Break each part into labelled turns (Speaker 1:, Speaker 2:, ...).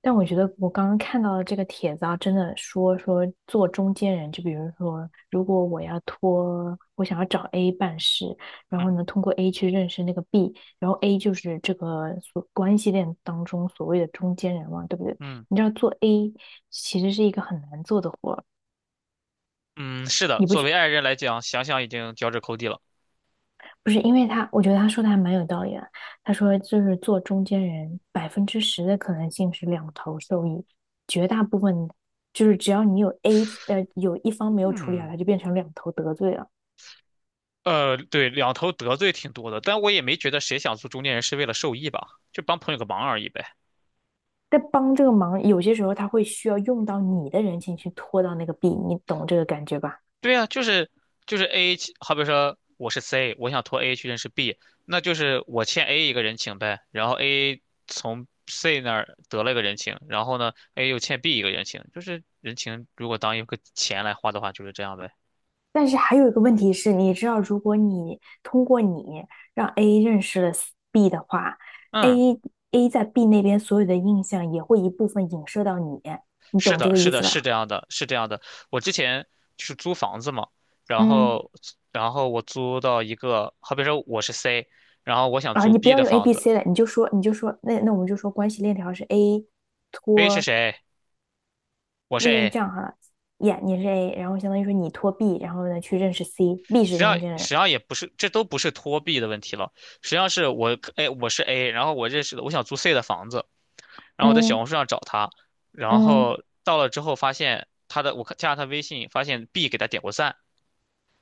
Speaker 1: 但我觉得我刚刚看到的这个帖子啊，真的说说做中间人。就比如说，如果我要托，我想要找 A 办事，然后
Speaker 2: 嗯
Speaker 1: 呢，通过 A 去认识那个 B，然后 A 就是这个所关系链当中所谓的中间人嘛，对不对？
Speaker 2: 嗯，
Speaker 1: 你知道做 A 其实是一个很难做的活儿，
Speaker 2: 嗯，是的，
Speaker 1: 你不
Speaker 2: 作为
Speaker 1: 去
Speaker 2: 爱人来讲，想想已经脚趾抠地了。
Speaker 1: 不是因为他，我觉得他说的还蛮有道理的。他说，就是做中间人，百分之十的可能性是两头受益，绝大部分就是只要你有 A，有一方没有处理好，
Speaker 2: 嗯，
Speaker 1: 他就变成两头得罪了。
Speaker 2: 对，两头得罪挺多的，但我也没觉得谁想做中间人是为了受益吧，就帮朋友个忙而已呗。
Speaker 1: 在帮这个忙，有些时候他会需要用到你的人情去拖到那个 B，你懂这个感觉吧？
Speaker 2: 对呀，就是 A，去好比说我是 C，我想托 A 去认识 B，那就是我欠 A 一个人情呗，然后 A 从 C 那儿得了一个人情，然后呢，A 又欠 B 一个人情，就是人情如果当一个钱来花的话，就是这样呗。
Speaker 1: 但是还有一个问题是，你知道，如果你通过你让 A 认识了 B 的话
Speaker 2: 嗯。
Speaker 1: ，A A 在 B 那边所有的印象也会一部分影射到你，你
Speaker 2: 是
Speaker 1: 懂这
Speaker 2: 的，
Speaker 1: 个
Speaker 2: 是
Speaker 1: 意
Speaker 2: 的，
Speaker 1: 思
Speaker 2: 是
Speaker 1: 吧？
Speaker 2: 这样的，是这样的。我之前就是租房子嘛，然
Speaker 1: 嗯
Speaker 2: 后，然后我租到一个，好比说我是 C，然后我想
Speaker 1: 啊，
Speaker 2: 租
Speaker 1: 你不
Speaker 2: B
Speaker 1: 要
Speaker 2: 的
Speaker 1: 用 A
Speaker 2: 房
Speaker 1: B
Speaker 2: 子
Speaker 1: C 了，你就说那我们就说关系链条是 A
Speaker 2: ，A 是
Speaker 1: 托。
Speaker 2: 谁？我是
Speaker 1: 那就
Speaker 2: A。
Speaker 1: 这样哈了耶你是 A，然后相当于说你托 B，然后呢去认识 C，B
Speaker 2: 实
Speaker 1: 是
Speaker 2: 际上，
Speaker 1: 中
Speaker 2: 实
Speaker 1: 间
Speaker 2: 际
Speaker 1: 人。
Speaker 2: 上也不是，这都不是托 B 的问题了。实际上是我，哎，我是 A，然后我认识的，我想租 C 的房子，然后我在小
Speaker 1: 嗯
Speaker 2: 红书上找他，然
Speaker 1: 嗯，
Speaker 2: 后到了之后发现他的，我看加了他微信，发现 B 给他点过赞，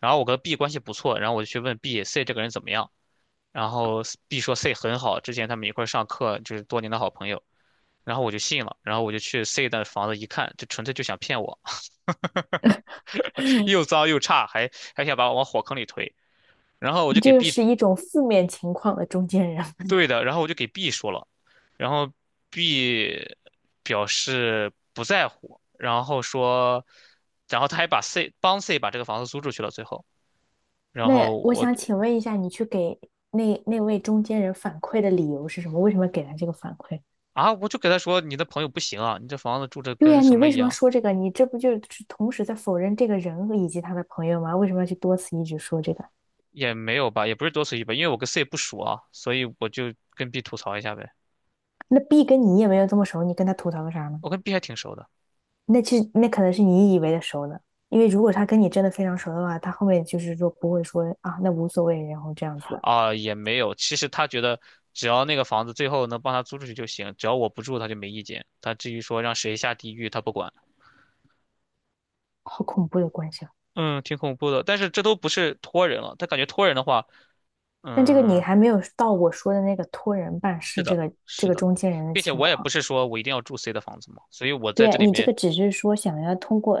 Speaker 2: 然后我跟 B 关系不错，然后我就去问 B、C 这个人怎么样。然后 B 说 C 很好，之前他们一块儿上课，就是多年的好朋友。然后我就信了，然后我就去 C 的房子一看，就纯粹就想骗我，又 脏又差，还想把我往火坑里推。然后我就
Speaker 1: 你
Speaker 2: 给
Speaker 1: 这个
Speaker 2: B
Speaker 1: 是一种负面情况的中间人。
Speaker 2: 对的，然后我就给 B 说了，然后 B 表示不在乎，然后说，然后他还把 C 帮 C 把这个房子租出去了，最后，然
Speaker 1: 那
Speaker 2: 后
Speaker 1: 我
Speaker 2: 我
Speaker 1: 想请问一下，你去给那位中间人反馈的理由是什么？为什么给他这个反馈？
Speaker 2: 啊，我就给他说，你的朋友不行啊，你这房子住着
Speaker 1: 对
Speaker 2: 跟
Speaker 1: 呀，
Speaker 2: 什
Speaker 1: 你
Speaker 2: 么
Speaker 1: 为
Speaker 2: 一
Speaker 1: 什么要
Speaker 2: 样。
Speaker 1: 说这个？你这不就是同时在否认这个人以及他的朋友吗？为什么要去多次一直说这个？
Speaker 2: 也没有吧，也不是多此一举吧，因为我跟 C 不熟啊，所以我就跟 B 吐槽一下呗。
Speaker 1: 那 B 跟你也没有这么熟，你跟他吐槽个啥呢？
Speaker 2: 我跟 B 还挺熟的
Speaker 1: 那其实那可能是你以为的熟呢，因为如果他跟你真的非常熟的话，他后面就是说不会说啊，那无所谓，然后这样子的。
Speaker 2: 啊，也没有。其实他觉得只要那个房子最后能帮他租出去就行，只要我不住他就没意见。他至于说让谁下地狱，他不管。
Speaker 1: 好恐怖的关系啊！
Speaker 2: 嗯，挺恐怖的，但是这都不是托人了。他感觉托人的话，
Speaker 1: 但这个你
Speaker 2: 嗯，
Speaker 1: 还没有到我说的那个托人办
Speaker 2: 是
Speaker 1: 事这
Speaker 2: 的，
Speaker 1: 个这
Speaker 2: 是
Speaker 1: 个
Speaker 2: 的，
Speaker 1: 中间人的
Speaker 2: 并且
Speaker 1: 情
Speaker 2: 我也不
Speaker 1: 况。
Speaker 2: 是说我一定要住 C 的房子嘛，所以我在这
Speaker 1: 对，
Speaker 2: 里
Speaker 1: 你这
Speaker 2: 面
Speaker 1: 个只是说想要通过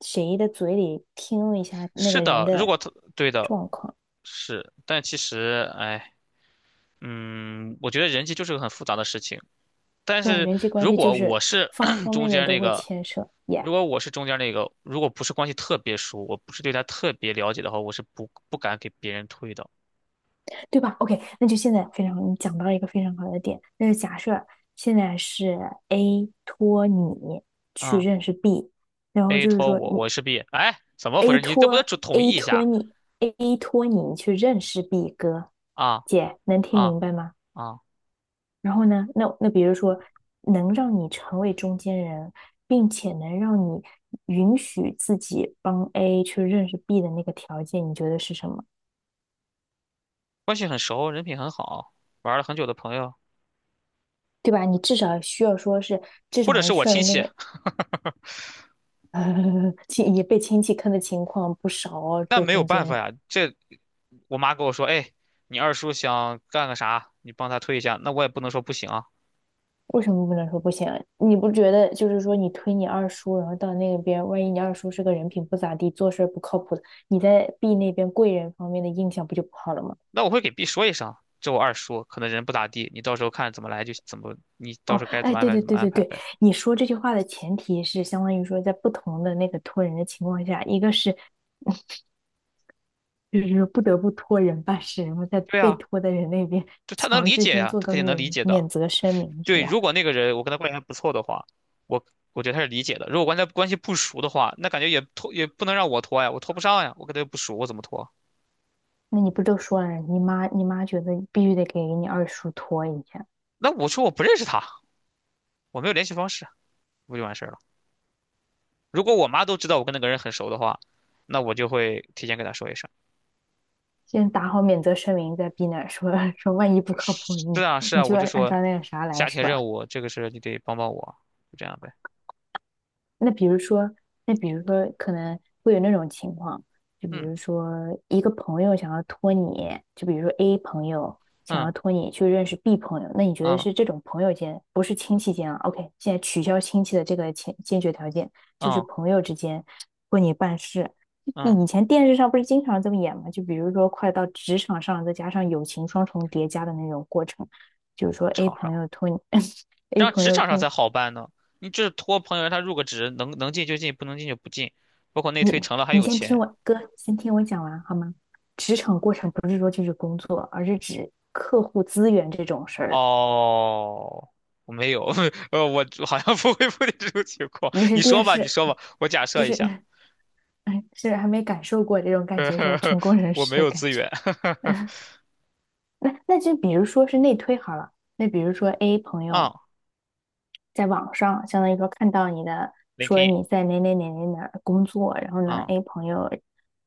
Speaker 1: 谁的嘴里听一下那
Speaker 2: 是
Speaker 1: 个人
Speaker 2: 的，如果
Speaker 1: 的
Speaker 2: 他对的
Speaker 1: 状况。
Speaker 2: 是，但其实哎，嗯，我觉得人际就是个很复杂的事情。但
Speaker 1: 对啊，
Speaker 2: 是
Speaker 1: 人际关
Speaker 2: 如
Speaker 1: 系就
Speaker 2: 果我
Speaker 1: 是
Speaker 2: 是
Speaker 1: 方 方
Speaker 2: 中
Speaker 1: 面面
Speaker 2: 间
Speaker 1: 都
Speaker 2: 那
Speaker 1: 会
Speaker 2: 个，
Speaker 1: 牵涉 y。
Speaker 2: 如果我是中间那个，如果不是关系特别熟，我不是对他特别了解的话，我是不敢给别人推的。
Speaker 1: 对吧？OK，那就现在非常，你讲到一个非常好的点。那就假设现在是 A 托你去
Speaker 2: 嗯
Speaker 1: 认识 B，然后
Speaker 2: ，A
Speaker 1: 就是
Speaker 2: 托
Speaker 1: 说你
Speaker 2: 我，我是 B。哎，怎么回
Speaker 1: A
Speaker 2: 事？你这不得
Speaker 1: 托
Speaker 2: 统一
Speaker 1: A
Speaker 2: 一
Speaker 1: 托
Speaker 2: 下
Speaker 1: 你 A 托你去认识 B 哥。
Speaker 2: 啊
Speaker 1: 姐能听
Speaker 2: 啊
Speaker 1: 明白吗？
Speaker 2: 啊！
Speaker 1: 然后呢，那比如说，能让你成为中间人，并且能让你允许自己帮 A 去认识 B 的那个条件，你觉得是什么？
Speaker 2: 关系很熟，人品很好，玩了很久的朋友，
Speaker 1: 对吧？你至少需要说是至
Speaker 2: 或
Speaker 1: 少
Speaker 2: 者
Speaker 1: 能
Speaker 2: 是我
Speaker 1: 确
Speaker 2: 亲
Speaker 1: 认那
Speaker 2: 戚，
Speaker 1: 个亲也被亲戚坑的情况不少哦，
Speaker 2: 那
Speaker 1: 做
Speaker 2: 没有
Speaker 1: 中间
Speaker 2: 办法
Speaker 1: 人
Speaker 2: 呀。这我妈跟我说，哎，你二叔想干个啥，你帮他推一下，那我也不能说不行啊。
Speaker 1: 为什么不能说不行啊？你不觉得就是说你推你二叔，然后到那边，万一你二叔是个人品不咋地，做事儿不靠谱的，你在 B 那边贵人方面的印象不就不好了吗？
Speaker 2: 那我会给 B 说一声，这我二叔可能人不咋地，你到时候看怎么来就怎么，你
Speaker 1: 哦，
Speaker 2: 到时候该怎
Speaker 1: 哎，
Speaker 2: 么安
Speaker 1: 对
Speaker 2: 排
Speaker 1: 对
Speaker 2: 怎
Speaker 1: 对
Speaker 2: 么安
Speaker 1: 对
Speaker 2: 排
Speaker 1: 对，
Speaker 2: 呗。
Speaker 1: 你说这句话的前提是相当于说，在不同的那个托人的情况下，一个是就是说不得不托人办事，然后在
Speaker 2: 对
Speaker 1: 被
Speaker 2: 啊，
Speaker 1: 托的人那边
Speaker 2: 就他能
Speaker 1: 强
Speaker 2: 理
Speaker 1: 制
Speaker 2: 解
Speaker 1: 先
Speaker 2: 呀，
Speaker 1: 做
Speaker 2: 他
Speaker 1: 个
Speaker 2: 肯定能理
Speaker 1: 免
Speaker 2: 解的。
Speaker 1: 免责声明，是
Speaker 2: 对，
Speaker 1: 吧？
Speaker 2: 如果那个人我跟他关系还不错的话，我我觉得他是理解的。如果关系不熟的话，那感觉也拖也不能让我拖呀，我拖不上呀，我跟他又不熟，我怎么拖？
Speaker 1: 那你不都说了，你妈觉得必须得给你二叔托一下。
Speaker 2: 那我说我不认识他，我没有联系方式，不就完事儿了？如果我妈都知道我跟那个人很熟的话，那我就会提前跟他说一声。
Speaker 1: 先打好免责声明再逼难，说 说万一不靠谱，
Speaker 2: 是啊，
Speaker 1: 你
Speaker 2: 是
Speaker 1: 你
Speaker 2: 啊，
Speaker 1: 就
Speaker 2: 我就
Speaker 1: 按按
Speaker 2: 说
Speaker 1: 照那个啥来，
Speaker 2: 家
Speaker 1: 是
Speaker 2: 庭
Speaker 1: 吧？
Speaker 2: 任务，这个事儿你得帮帮我，就这样呗。
Speaker 1: 那比如说，那比如说，可能会有那种情况，就比
Speaker 2: 嗯
Speaker 1: 如说一个朋友想要托你，就比如说 A 朋友想要
Speaker 2: 嗯
Speaker 1: 托你去认识 B 朋友，那你觉得
Speaker 2: 嗯
Speaker 1: 是这种朋友间，不是亲戚间啊？OK，现在取消亲戚的这个前 t 决条件，就是
Speaker 2: 嗯
Speaker 1: 朋友之间为你办事。
Speaker 2: 嗯，
Speaker 1: 以前电视上不是经常这么演吗？就比如说快到职场上，再加上友情双重叠加的那种过程，就是说 A
Speaker 2: 场上，
Speaker 1: 朋友托你
Speaker 2: 这
Speaker 1: ，A
Speaker 2: 样
Speaker 1: 朋
Speaker 2: 职
Speaker 1: 友
Speaker 2: 场
Speaker 1: 托
Speaker 2: 上
Speaker 1: 你。
Speaker 2: 才好办呢。你就是托朋友让他入个职，能进就进，不能进就不进。包括内
Speaker 1: 你
Speaker 2: 推成了还
Speaker 1: 你
Speaker 2: 有
Speaker 1: 先听
Speaker 2: 钱。
Speaker 1: 我哥，先听我讲完好吗？职场过程不是说就是工作，而是指客户资源这种事儿。
Speaker 2: 哦，我没有，我好像不会碰见这种情况。
Speaker 1: 你是
Speaker 2: 你说
Speaker 1: 电
Speaker 2: 吧，你
Speaker 1: 视，
Speaker 2: 说吧，我假
Speaker 1: 就
Speaker 2: 设一
Speaker 1: 是
Speaker 2: 下，
Speaker 1: 哎是还没感受过这种感觉是吧？成功 人
Speaker 2: 我
Speaker 1: 士
Speaker 2: 没
Speaker 1: 的
Speaker 2: 有
Speaker 1: 感
Speaker 2: 资
Speaker 1: 觉。
Speaker 2: 源。
Speaker 1: 那就比如说是内推好了，那比如说 A 朋
Speaker 2: 啊
Speaker 1: 友在网上，相当于说看到你的，
Speaker 2: l i n k
Speaker 1: 说
Speaker 2: i n
Speaker 1: 你在哪哪哪哪哪儿工作，然后呢
Speaker 2: 啊
Speaker 1: ，A 朋友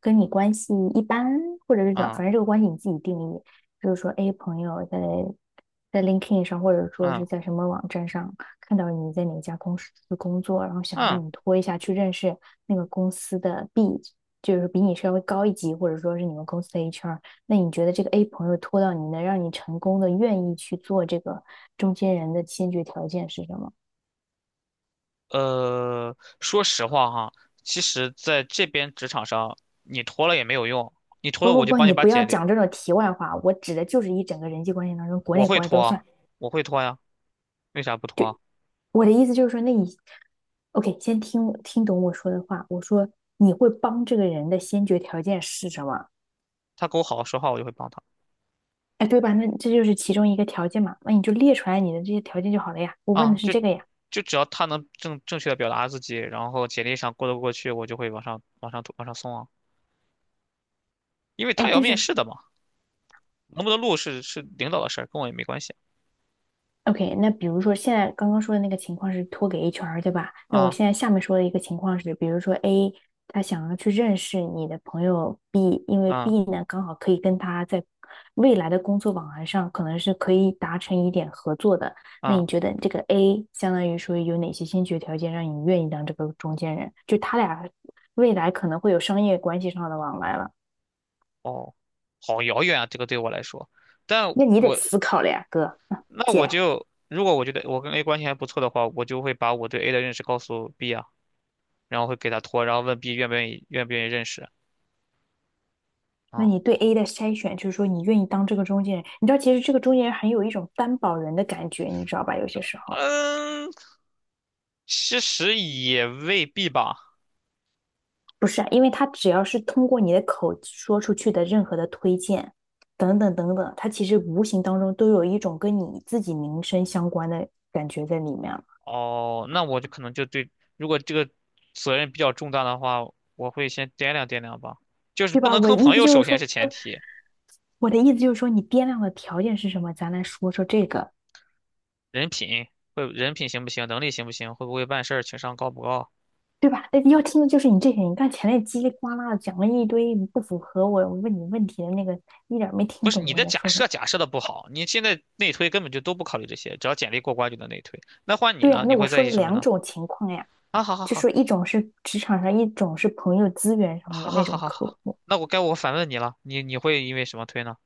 Speaker 1: 跟你关系一般，或者是怎么，反正
Speaker 2: 啊
Speaker 1: 这个关系你自己定义，就是说 A 朋友在LinkedIn 上，或者说是
Speaker 2: 啊
Speaker 1: 在什么网站上看到你在哪家公司工作，然后想
Speaker 2: 啊！嗯
Speaker 1: 让你拖一下去认识那个公司的 B，就是比你稍微高一级，或者说是你们公司的 HR。那你觉得这个 A 朋友拖到你能让你成功的愿意去做这个中间人的先决条件是什么？
Speaker 2: 说实话哈，其实在这边职场上，你拖了也没有用，你拖了
Speaker 1: 不不
Speaker 2: 我就
Speaker 1: 不，
Speaker 2: 帮你
Speaker 1: 你
Speaker 2: 把
Speaker 1: 不要
Speaker 2: 简历，
Speaker 1: 讲这种题外话，我指的就是一整个人际关系当中，国
Speaker 2: 我
Speaker 1: 内
Speaker 2: 会
Speaker 1: 国外
Speaker 2: 拖
Speaker 1: 都
Speaker 2: 啊，
Speaker 1: 算。
Speaker 2: 我会拖呀，为啥不拖啊
Speaker 1: 我的意思就是说，那你，OK，先听懂我说的话。我说你会帮这个人的先决条件是什么？
Speaker 2: 他跟我好好说话，我就会帮他
Speaker 1: 哎，对吧？那这就是其中一个条件嘛，那你就列出来你的这些条件就好了呀。我问的
Speaker 2: 啊，
Speaker 1: 是
Speaker 2: 就
Speaker 1: 这个呀。
Speaker 2: 就只要他能正确的表达自己，然后简历上过得过去，我就会往上往上往上送啊，因为他
Speaker 1: 哎，
Speaker 2: 也要
Speaker 1: 但
Speaker 2: 面
Speaker 1: 是
Speaker 2: 试的嘛，能不能录是领导的事儿，跟我也没关系
Speaker 1: OK，那比如说现在刚刚说的那个情况是托给 HR，对吧？那我
Speaker 2: 啊
Speaker 1: 现在下面说的一个情况是，比如说 A 他想要去认识你的朋友 B，因为
Speaker 2: 啊
Speaker 1: B 呢刚好可以跟他在未来的工作往来上可能是可以达成一点合作的。那你
Speaker 2: 啊
Speaker 1: 觉得这个 A 相当于说有哪些先决条件让你愿意当这个中间人？就他俩未来可能会有商业关系上的往来了。
Speaker 2: 哦，好遥远啊，这个对我来说。但
Speaker 1: 那你得
Speaker 2: 我
Speaker 1: 思考了呀，哥，
Speaker 2: 那我
Speaker 1: 姐。
Speaker 2: 就如果我觉得我跟 A 关系还不错的话，我就会把我对 A 的认识告诉 B 啊，然后会给他托，然后问 B 愿不愿意认识
Speaker 1: 那你
Speaker 2: 啊。
Speaker 1: 对 A 的筛选，就是说你愿意当这个中间人，你知道，其实这个中间人很有一种担保人的感觉，你知道吧？有些时候
Speaker 2: 嗯，其实也未必吧。
Speaker 1: 不是啊，因为他只要是通过你的口说出去的任何的推荐，等等等等，他其实无形当中都有一种跟你自己名声相关的感觉在里面了，
Speaker 2: 哦，那我就可能就对，如果这个责任比较重大的话，我会先掂量掂量吧。就是
Speaker 1: 对
Speaker 2: 不
Speaker 1: 吧？
Speaker 2: 能
Speaker 1: 我
Speaker 2: 坑
Speaker 1: 意
Speaker 2: 朋
Speaker 1: 思
Speaker 2: 友，
Speaker 1: 就
Speaker 2: 首
Speaker 1: 是
Speaker 2: 先
Speaker 1: 说，
Speaker 2: 是前提，
Speaker 1: 我的意思就是说，你掂量的条件是什么？咱来说说这个。
Speaker 2: 人品会人品行不行，能力行不行，会不会办事儿，情商高不高。
Speaker 1: 对吧？那要听的就是你这些，你看前面叽里呱啦的讲了一堆不符合我问你问题的那个，一点儿没
Speaker 2: 不
Speaker 1: 听
Speaker 2: 是
Speaker 1: 懂
Speaker 2: 你
Speaker 1: 我
Speaker 2: 的
Speaker 1: 在
Speaker 2: 假
Speaker 1: 说什么。
Speaker 2: 设假设的不好，你现在内推根本就都不考虑这些，只要简历过关就能内推。那换你
Speaker 1: 对
Speaker 2: 呢？
Speaker 1: 呀，
Speaker 2: 你
Speaker 1: 那我
Speaker 2: 会在
Speaker 1: 说
Speaker 2: 意
Speaker 1: 了
Speaker 2: 什么
Speaker 1: 两
Speaker 2: 呢？
Speaker 1: 种情况呀，
Speaker 2: 啊，好好
Speaker 1: 就说
Speaker 2: 好，
Speaker 1: 一种是职场上，一种是朋友资源上的
Speaker 2: 好
Speaker 1: 那
Speaker 2: 好好
Speaker 1: 种
Speaker 2: 好
Speaker 1: 客
Speaker 2: 好，
Speaker 1: 户。
Speaker 2: 那我该我反问你了，你会因为什么推呢？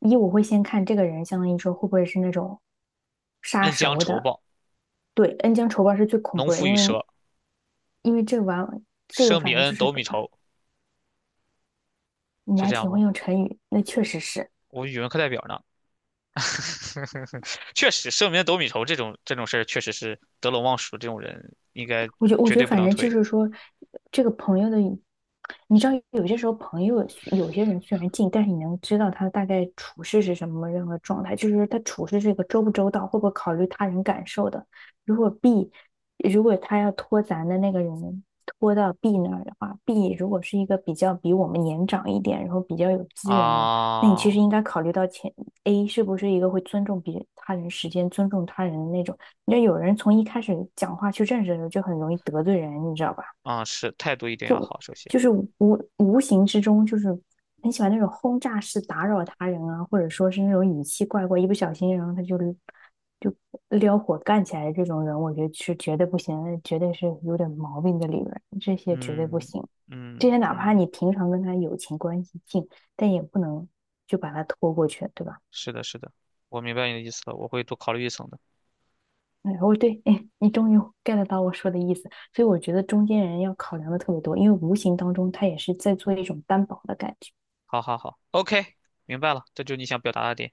Speaker 1: 一我会先看这个人，相当于说会不会是那种杀
Speaker 2: 恩将
Speaker 1: 熟
Speaker 2: 仇
Speaker 1: 的。
Speaker 2: 报，
Speaker 1: 对，恩将仇报是最恐
Speaker 2: 农
Speaker 1: 怖的，
Speaker 2: 夫与
Speaker 1: 因为
Speaker 2: 蛇，
Speaker 1: 因为这个
Speaker 2: 生米
Speaker 1: 反正就
Speaker 2: 恩，
Speaker 1: 是
Speaker 2: 斗米仇，
Speaker 1: 你
Speaker 2: 是
Speaker 1: 还
Speaker 2: 这样
Speaker 1: 挺
Speaker 2: 吗？
Speaker 1: 会用成语，那确实是。
Speaker 2: 我语文课代表呢。确实，生米恩，斗米仇这种事儿，确实是得陇望蜀这种人应该
Speaker 1: 我觉我
Speaker 2: 绝
Speaker 1: 觉得
Speaker 2: 对不
Speaker 1: 反
Speaker 2: 能
Speaker 1: 正就
Speaker 2: 推
Speaker 1: 是说，这个朋友的，你知道有些时候朋友有些人虽然近，但是你能知道他大概处事是什么任何状态，就是他处事这个周不周到，会不会考虑他人感受的。如果 B，如果他要拖咱的那个人拖到 B 那儿的话，B 如果是一个比较比我们年长一点，然后比较有资源的人，那你其
Speaker 2: 啊
Speaker 1: 实应该考虑到前 A 是不是一个会尊重别他人时间、尊重他人的那种。那有人从一开始讲话去认识的时候，就很容易得罪人，你知道吧？
Speaker 2: 啊！是态度一定要好，首先，
Speaker 1: 就是无无形之中，就是很喜欢那种轰炸式打扰他人啊，或者说是那种语气怪怪，一不小心，然后他就撩火干起来的这种人，我觉得是绝对不行，那绝对是有点毛病的，里面这些绝对不
Speaker 2: 嗯
Speaker 1: 行。这
Speaker 2: 嗯
Speaker 1: 些哪怕
Speaker 2: 嗯
Speaker 1: 你平常跟他友情关系近，但也不能就把他拖过去，对吧？
Speaker 2: 是的，是的，我明白你的意思了，我会多考虑一层的。
Speaker 1: 哎，我对，哎，你终于 get 到我说的意思，所以我觉得中间人要考量的特别多，因为无形当中他也是在做一种担保的感觉。
Speaker 2: 好好好，OK，明白了，这就是你想表达的点。